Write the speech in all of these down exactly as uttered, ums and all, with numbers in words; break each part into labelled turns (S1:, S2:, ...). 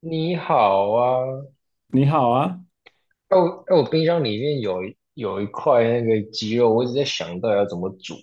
S1: 你好啊，
S2: 你好啊，
S1: 哦，我哎我冰箱里面有一有一块那个鸡肉，我一直在想到底要怎么煮。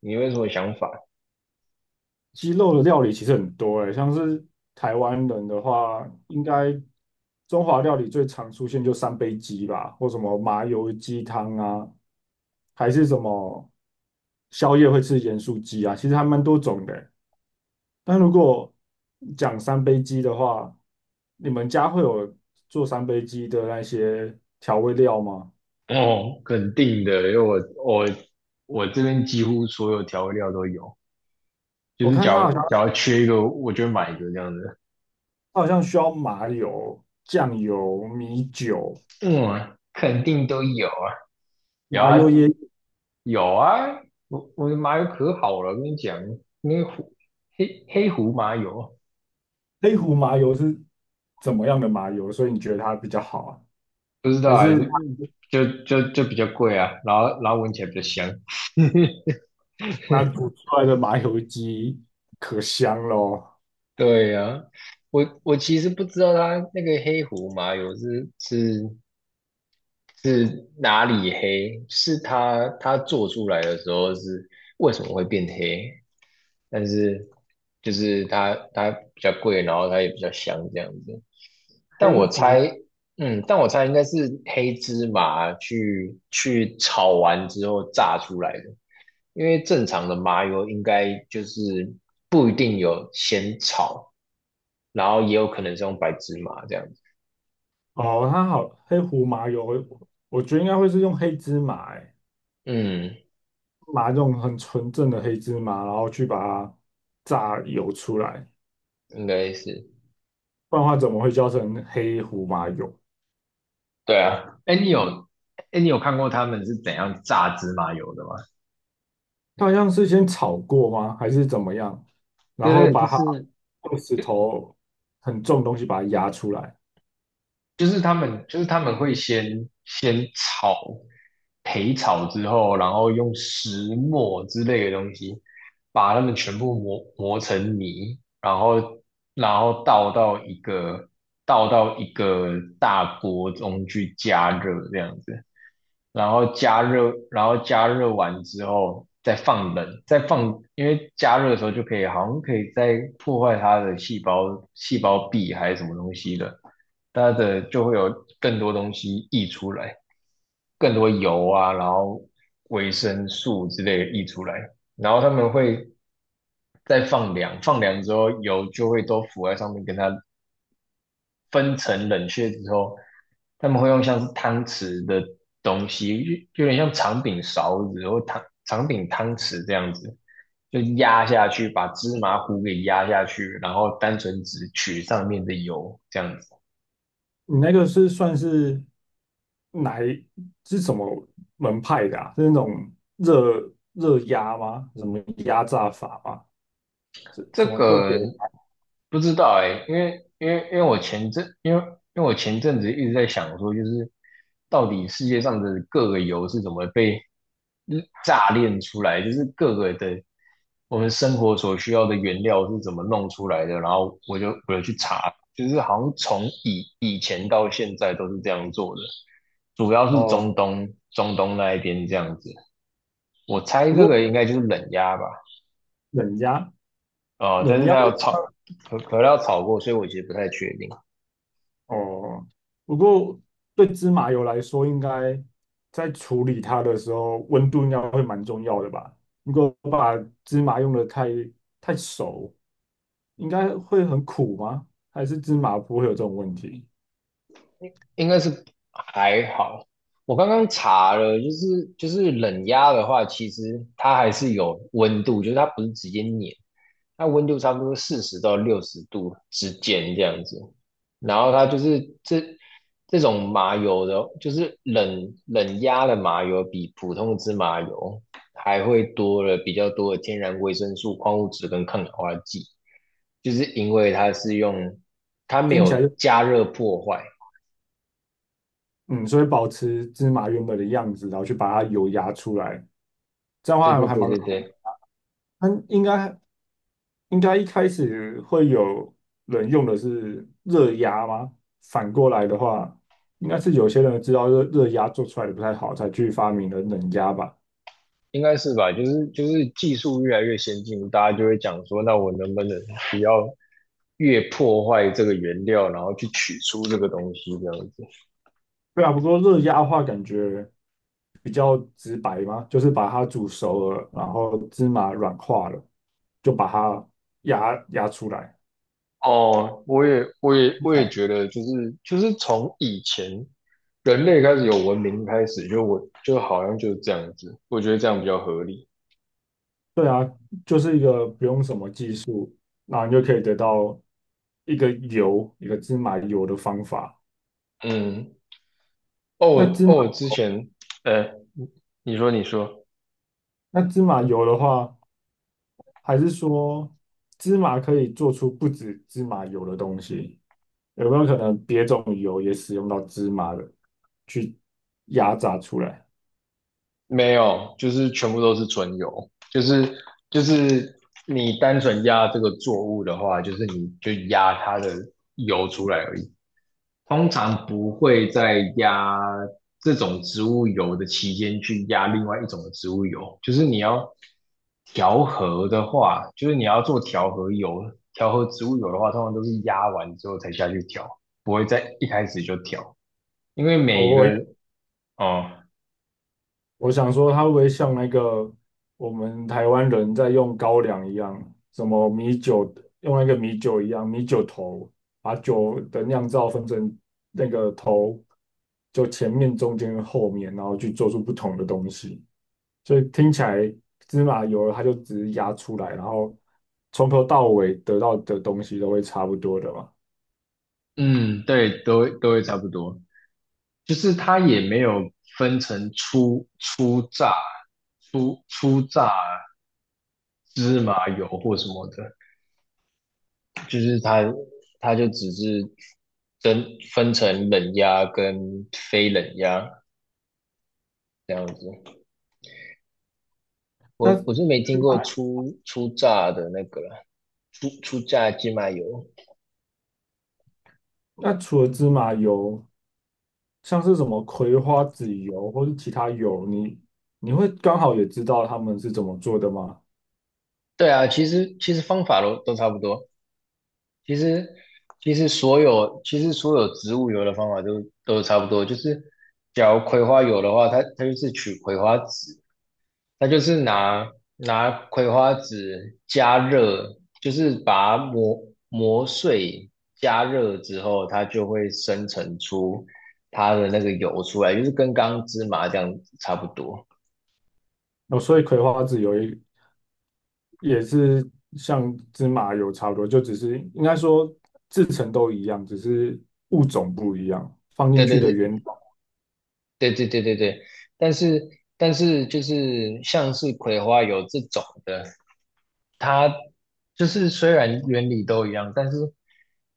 S1: 你有什么想法？
S2: 鸡肉的料理其实很多诶，像是台湾人的话，应该中华料理最常出现就三杯鸡吧，或什么麻油鸡汤啊，还是什么宵夜会吃盐酥鸡啊，其实还蛮多种的诶。但如果讲三杯鸡的话，你们家会有做三杯鸡的那些调味料吗？
S1: 哦，肯定的，因为我我我这边几乎所有调味料都有，就
S2: 我
S1: 是
S2: 看
S1: 假
S2: 它好
S1: 如
S2: 像
S1: 假如缺一个，我就会买一个这样子。
S2: 它好像需要麻油、酱油、米酒。
S1: 嗯，肯定都有啊，有
S2: 麻
S1: 啊，
S2: 油椰
S1: 有啊，我我的麻油可好了，我跟你讲，那个胡黑黑胡麻油
S2: 黑胡麻油是怎么样的麻油？所以你觉得它比较好啊？
S1: 不知道
S2: 还
S1: 啊，
S2: 是
S1: 就就就就比较贵啊，然后然后闻起来比较香。
S2: 它煮出来的麻油鸡可香喽？
S1: 对呀、我我其实不知道它那个黑胡麻油是是是哪里黑，是它它做出来的时候是为什么会变黑，但是就是它它比较贵，然后它也比较香这样子。但
S2: 黑
S1: 我
S2: 胡
S1: 猜，嗯，但我猜应该是黑芝麻去去炒完之后炸出来的。因为正常的麻油应该就是不一定有先炒，然后也有可能是用白芝麻这样子。
S2: 哦，它好，黑胡麻油，我我觉得应该会是用黑芝麻、欸，
S1: 嗯，
S2: 麻这种很纯正的黑芝麻，然后去把它榨油出来，
S1: 应该是，
S2: 不然的话怎么会叫成黑胡麻油？
S1: 对啊。哎，你有哎，你有看过他们是怎样榨芝麻油的吗？
S2: 它好像是先炒过吗？还是怎么样？然
S1: 对
S2: 后
S1: 对，就
S2: 把它
S1: 是
S2: 用石头很重的东西把它压出来。
S1: 就是他们就是他们会先先炒焙炒之后，然后用石磨之类的东西把它们全部磨磨成泥，然后然后倒到一个倒到一个大锅中去加热这样子。然后加热，然后加热完之后再放冷，再放，因为加热的时候就可以，好像可以再破坏它的细胞细胞壁还是什么东西的，它的就会有更多东西溢出来，更多油啊，然后维生素之类的溢出来，然后他们会再放凉，放凉之后油就会都浮在上面，跟它分层冷却之后，他们会用像是汤匙的东西，就有点像长柄勺子或汤长柄汤匙这样子，就压下去，把芝麻糊给压下去，然后单纯只取上面的油这样子。
S2: 你那个是算是哪一是什么门派的啊？是那种热热压吗？什么压榨法吗？是
S1: 这
S2: 什么特别
S1: 个
S2: 的？
S1: 不知道哎、因为因为因为我前阵因为因为我前阵子一直在想说，就是到底世界上的各个油是怎么被炸炼出来，就是各个的我们生活所需要的原料是怎么弄出来的，然后我就我就去查，就是好像从以以前到现在都是这样做的，主要是
S2: 哦，
S1: 中东中东那一边这样子，我猜
S2: 不
S1: 这个应
S2: 过
S1: 该就是冷压吧。
S2: 冷压
S1: 啊、但
S2: 冷
S1: 是
S2: 压
S1: 它要炒可可乐要炒过，所以我其实不太确定，
S2: 哦，不过对芝麻油来说，应该在处理它的时候，温度应该会蛮重要的吧？如果把芝麻用的太太熟，应该会很苦吗？还是芝麻不会有这种问题？
S1: 应该是还好。我刚刚查了，就是就是冷压的话，其实它还是有温度，就是它不是直接碾，它温度差不多四十到六十度之间这样子。然后它就是这这种麻油的，就是冷冷压的麻油，比普通的芝麻油还会多了比较多的天然维生素、矿物质跟抗氧化剂，就是因为它是用它没
S2: 听起来。
S1: 有
S2: 就。
S1: 加热破坏。
S2: 嗯，所以保持芝麻原本的样子，然后去把它油压出来，这样的话
S1: 对
S2: 还
S1: 对
S2: 还
S1: 对
S2: 蛮
S1: 对
S2: 好。
S1: 对，
S2: 它应该应该一开始会有人用的是热压吗？反过来的话，应该是有些人知道热热压做出来的不太好，才去发明了冷压吧？
S1: 应该是吧？就是就是技术越来越先进，大家就会讲说，那我能不能不要越破坏这个原料，然后去取出这个东西这样子。
S2: 对啊，不过热压的话，感觉比较直白嘛，就是把它煮熟了，然后芝麻软化了，就把它压压出来。
S1: 哦，我也，我也，我也觉得，就是就是从以前人类开始有文明开始，就我就好像就是这样子，我觉得这样比较合理。
S2: 就是一个不用什么技术，那你就可以得到一个油，一个芝麻油的方法。
S1: 嗯，
S2: 那
S1: 哦，
S2: 芝麻
S1: 哦，之前，呃，你说你说，
S2: 那芝麻油的话，还是说芝麻可以做出不止芝麻油的东西？有没有可能别种油也使用到芝麻的去压榨出来？
S1: 没有，就是全部都是纯油，就是就是你单纯压这个作物的话，就是你就压它的油出来而已。通常不会在压这种植物油的期间去压另外一种的植物油，就是你要调和的话，就是你要做调和油、调和植物油的话，通常都是压完之后才下去调，不会在一开始就调，因为
S2: 哦，
S1: 每一个，
S2: 我
S1: 哦，
S2: 我想说，它会不会像那个我们台湾人在用高粱一样，什么米酒，用那个米酒一样，米酒头，把酒的酿造分成那个头，就前面、中间、后面，然后去做出不同的东西。所以听起来芝麻油它就只是压出来，然后从头到尾得到的东西都会差不多的嘛。
S1: 嗯，对，都会都会差不多，就是它也没有分成初初榨、初初榨芝麻油或什么的，就是它它就只是分分成冷压跟非冷压这样子。我
S2: 那
S1: 我是没听过出出榨的那个出出初榨鸡麻油。
S2: 那除了芝麻油，像是什么葵花籽油或是其他油，你你会刚好也知道他们是怎么做的吗？
S1: 对啊，其实其实方法都都差不多。其实其实所有其实所有植物油的方法都都差不多，就是假如葵花油的话，它它就是取葵花籽，它就是拿拿葵花籽加热，就是把它磨磨碎加热之后，它就会生成出它的那个油出来，就是跟刚刚芝麻这样差不多。
S2: 哦，所以葵花籽油也也是像芝麻油差不多，就只是应该说制成都一样，只是物种不一样，放进
S1: 对
S2: 去
S1: 对
S2: 的原
S1: 对
S2: 料。
S1: 对对对对对，但是但是就是像是葵花油这种的，它就是虽然原理都一样，但是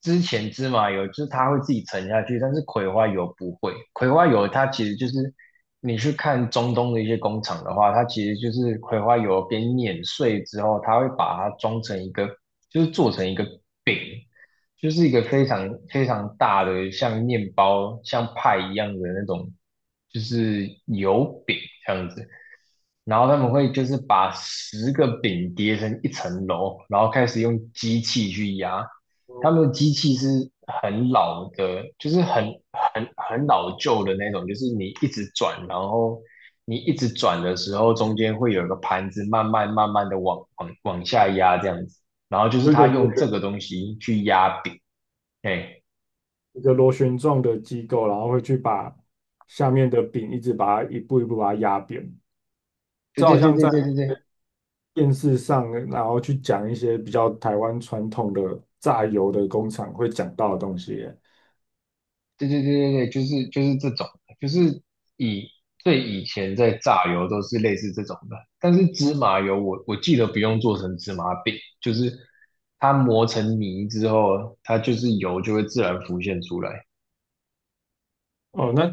S1: 之前芝麻油就是它会自己沉下去，但是葵花油不会。葵花油它其实就是你去看中东的一些工厂的话，它其实就是葵花油边碾碎之后，它会把它装成一个，就是做成一个饼，就是一个非常非常大的像面包、像派一样的那种，就是油饼这样子。然后他们会就是把十个饼叠成一层楼，然后开始用机器去压。他们的机器是很老的，就是很很很老旧的那种，就是你一直转，然后你一直转的时候，中间会有一个盘子慢慢慢慢的往往往下压这样子。然后就是
S2: 有一
S1: 他
S2: 个
S1: 用
S2: 螺
S1: 这
S2: 旋
S1: 个东西去压饼，哎，
S2: 一个螺旋状的机构，然后会去把下面的饼一直把它一步一步把它压扁，
S1: 对
S2: 这好
S1: 对对
S2: 像
S1: 对
S2: 在
S1: 对对对。
S2: 电视上，然后去讲一些比较台湾传统的榨油的工厂会讲到的东西耶。
S1: 对对对对对，就是就是这种的就是以最以前在榨油都是类似这种的，但是芝麻油我我记得不用做成芝麻饼，就是它磨成泥之后，它就是油就会自然浮现出来。
S2: 哦，那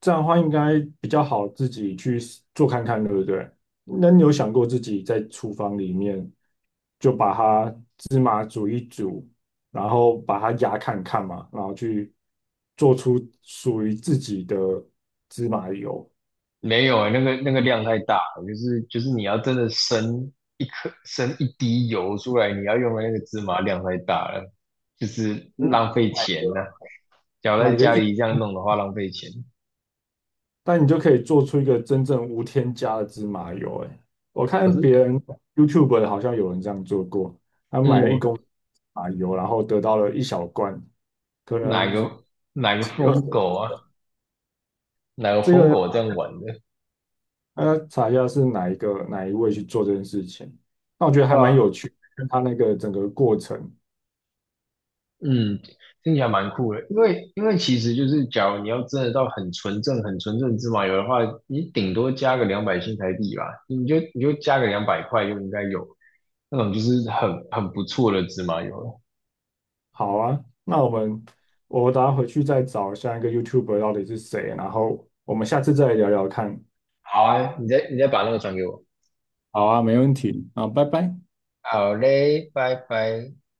S2: 这样的话应该比较好自己去做看看，对不对？那你有想过自己在厨房里面就把它，然后把它压看看嘛，然后去做出属于自己的芝麻油，
S1: 没有欸，那个那个量太大了，就是就是你要真的生一颗生一滴油出来，你要用的那个芝麻量太大了，就是浪费
S2: 买
S1: 钱呐、
S2: 个
S1: 假如在
S2: 买个
S1: 家里这样弄的话，浪费钱。
S2: 但你就可以做出一个真正无添加的芝麻油。哎，我
S1: 可
S2: 看
S1: 是
S2: 别人 YouTube 的好像有人这样做过，他买了一
S1: 我，
S2: 公斤芝麻油，然后得到了一小罐，可
S1: 哪
S2: 能
S1: 个，哪个
S2: 二
S1: 疯狗
S2: 十。
S1: 啊，哪个
S2: 这
S1: 疯
S2: 个
S1: 狗这样玩的？
S2: 呃，查一下是哪一个哪一位去做这件事情。那我觉得还蛮有
S1: 啊，
S2: 趣，跟他那个整个过程。
S1: 嗯，听起来蛮酷的，因为因为其实就是，假如你要真的到很纯正、很纯正芝麻油的话，你顶多加个两百新台币吧，你就你就加个两百块就应该有那种就是很很不错的芝麻油了。
S2: 好啊，那我们我等下回去再找下一个 y o u t u b e 到底是谁，然后我们下次再聊聊看。
S1: 好啊，你再你再把那个转给我。
S2: 好啊，没问题。啊，拜拜。
S1: 好嘞，拜拜。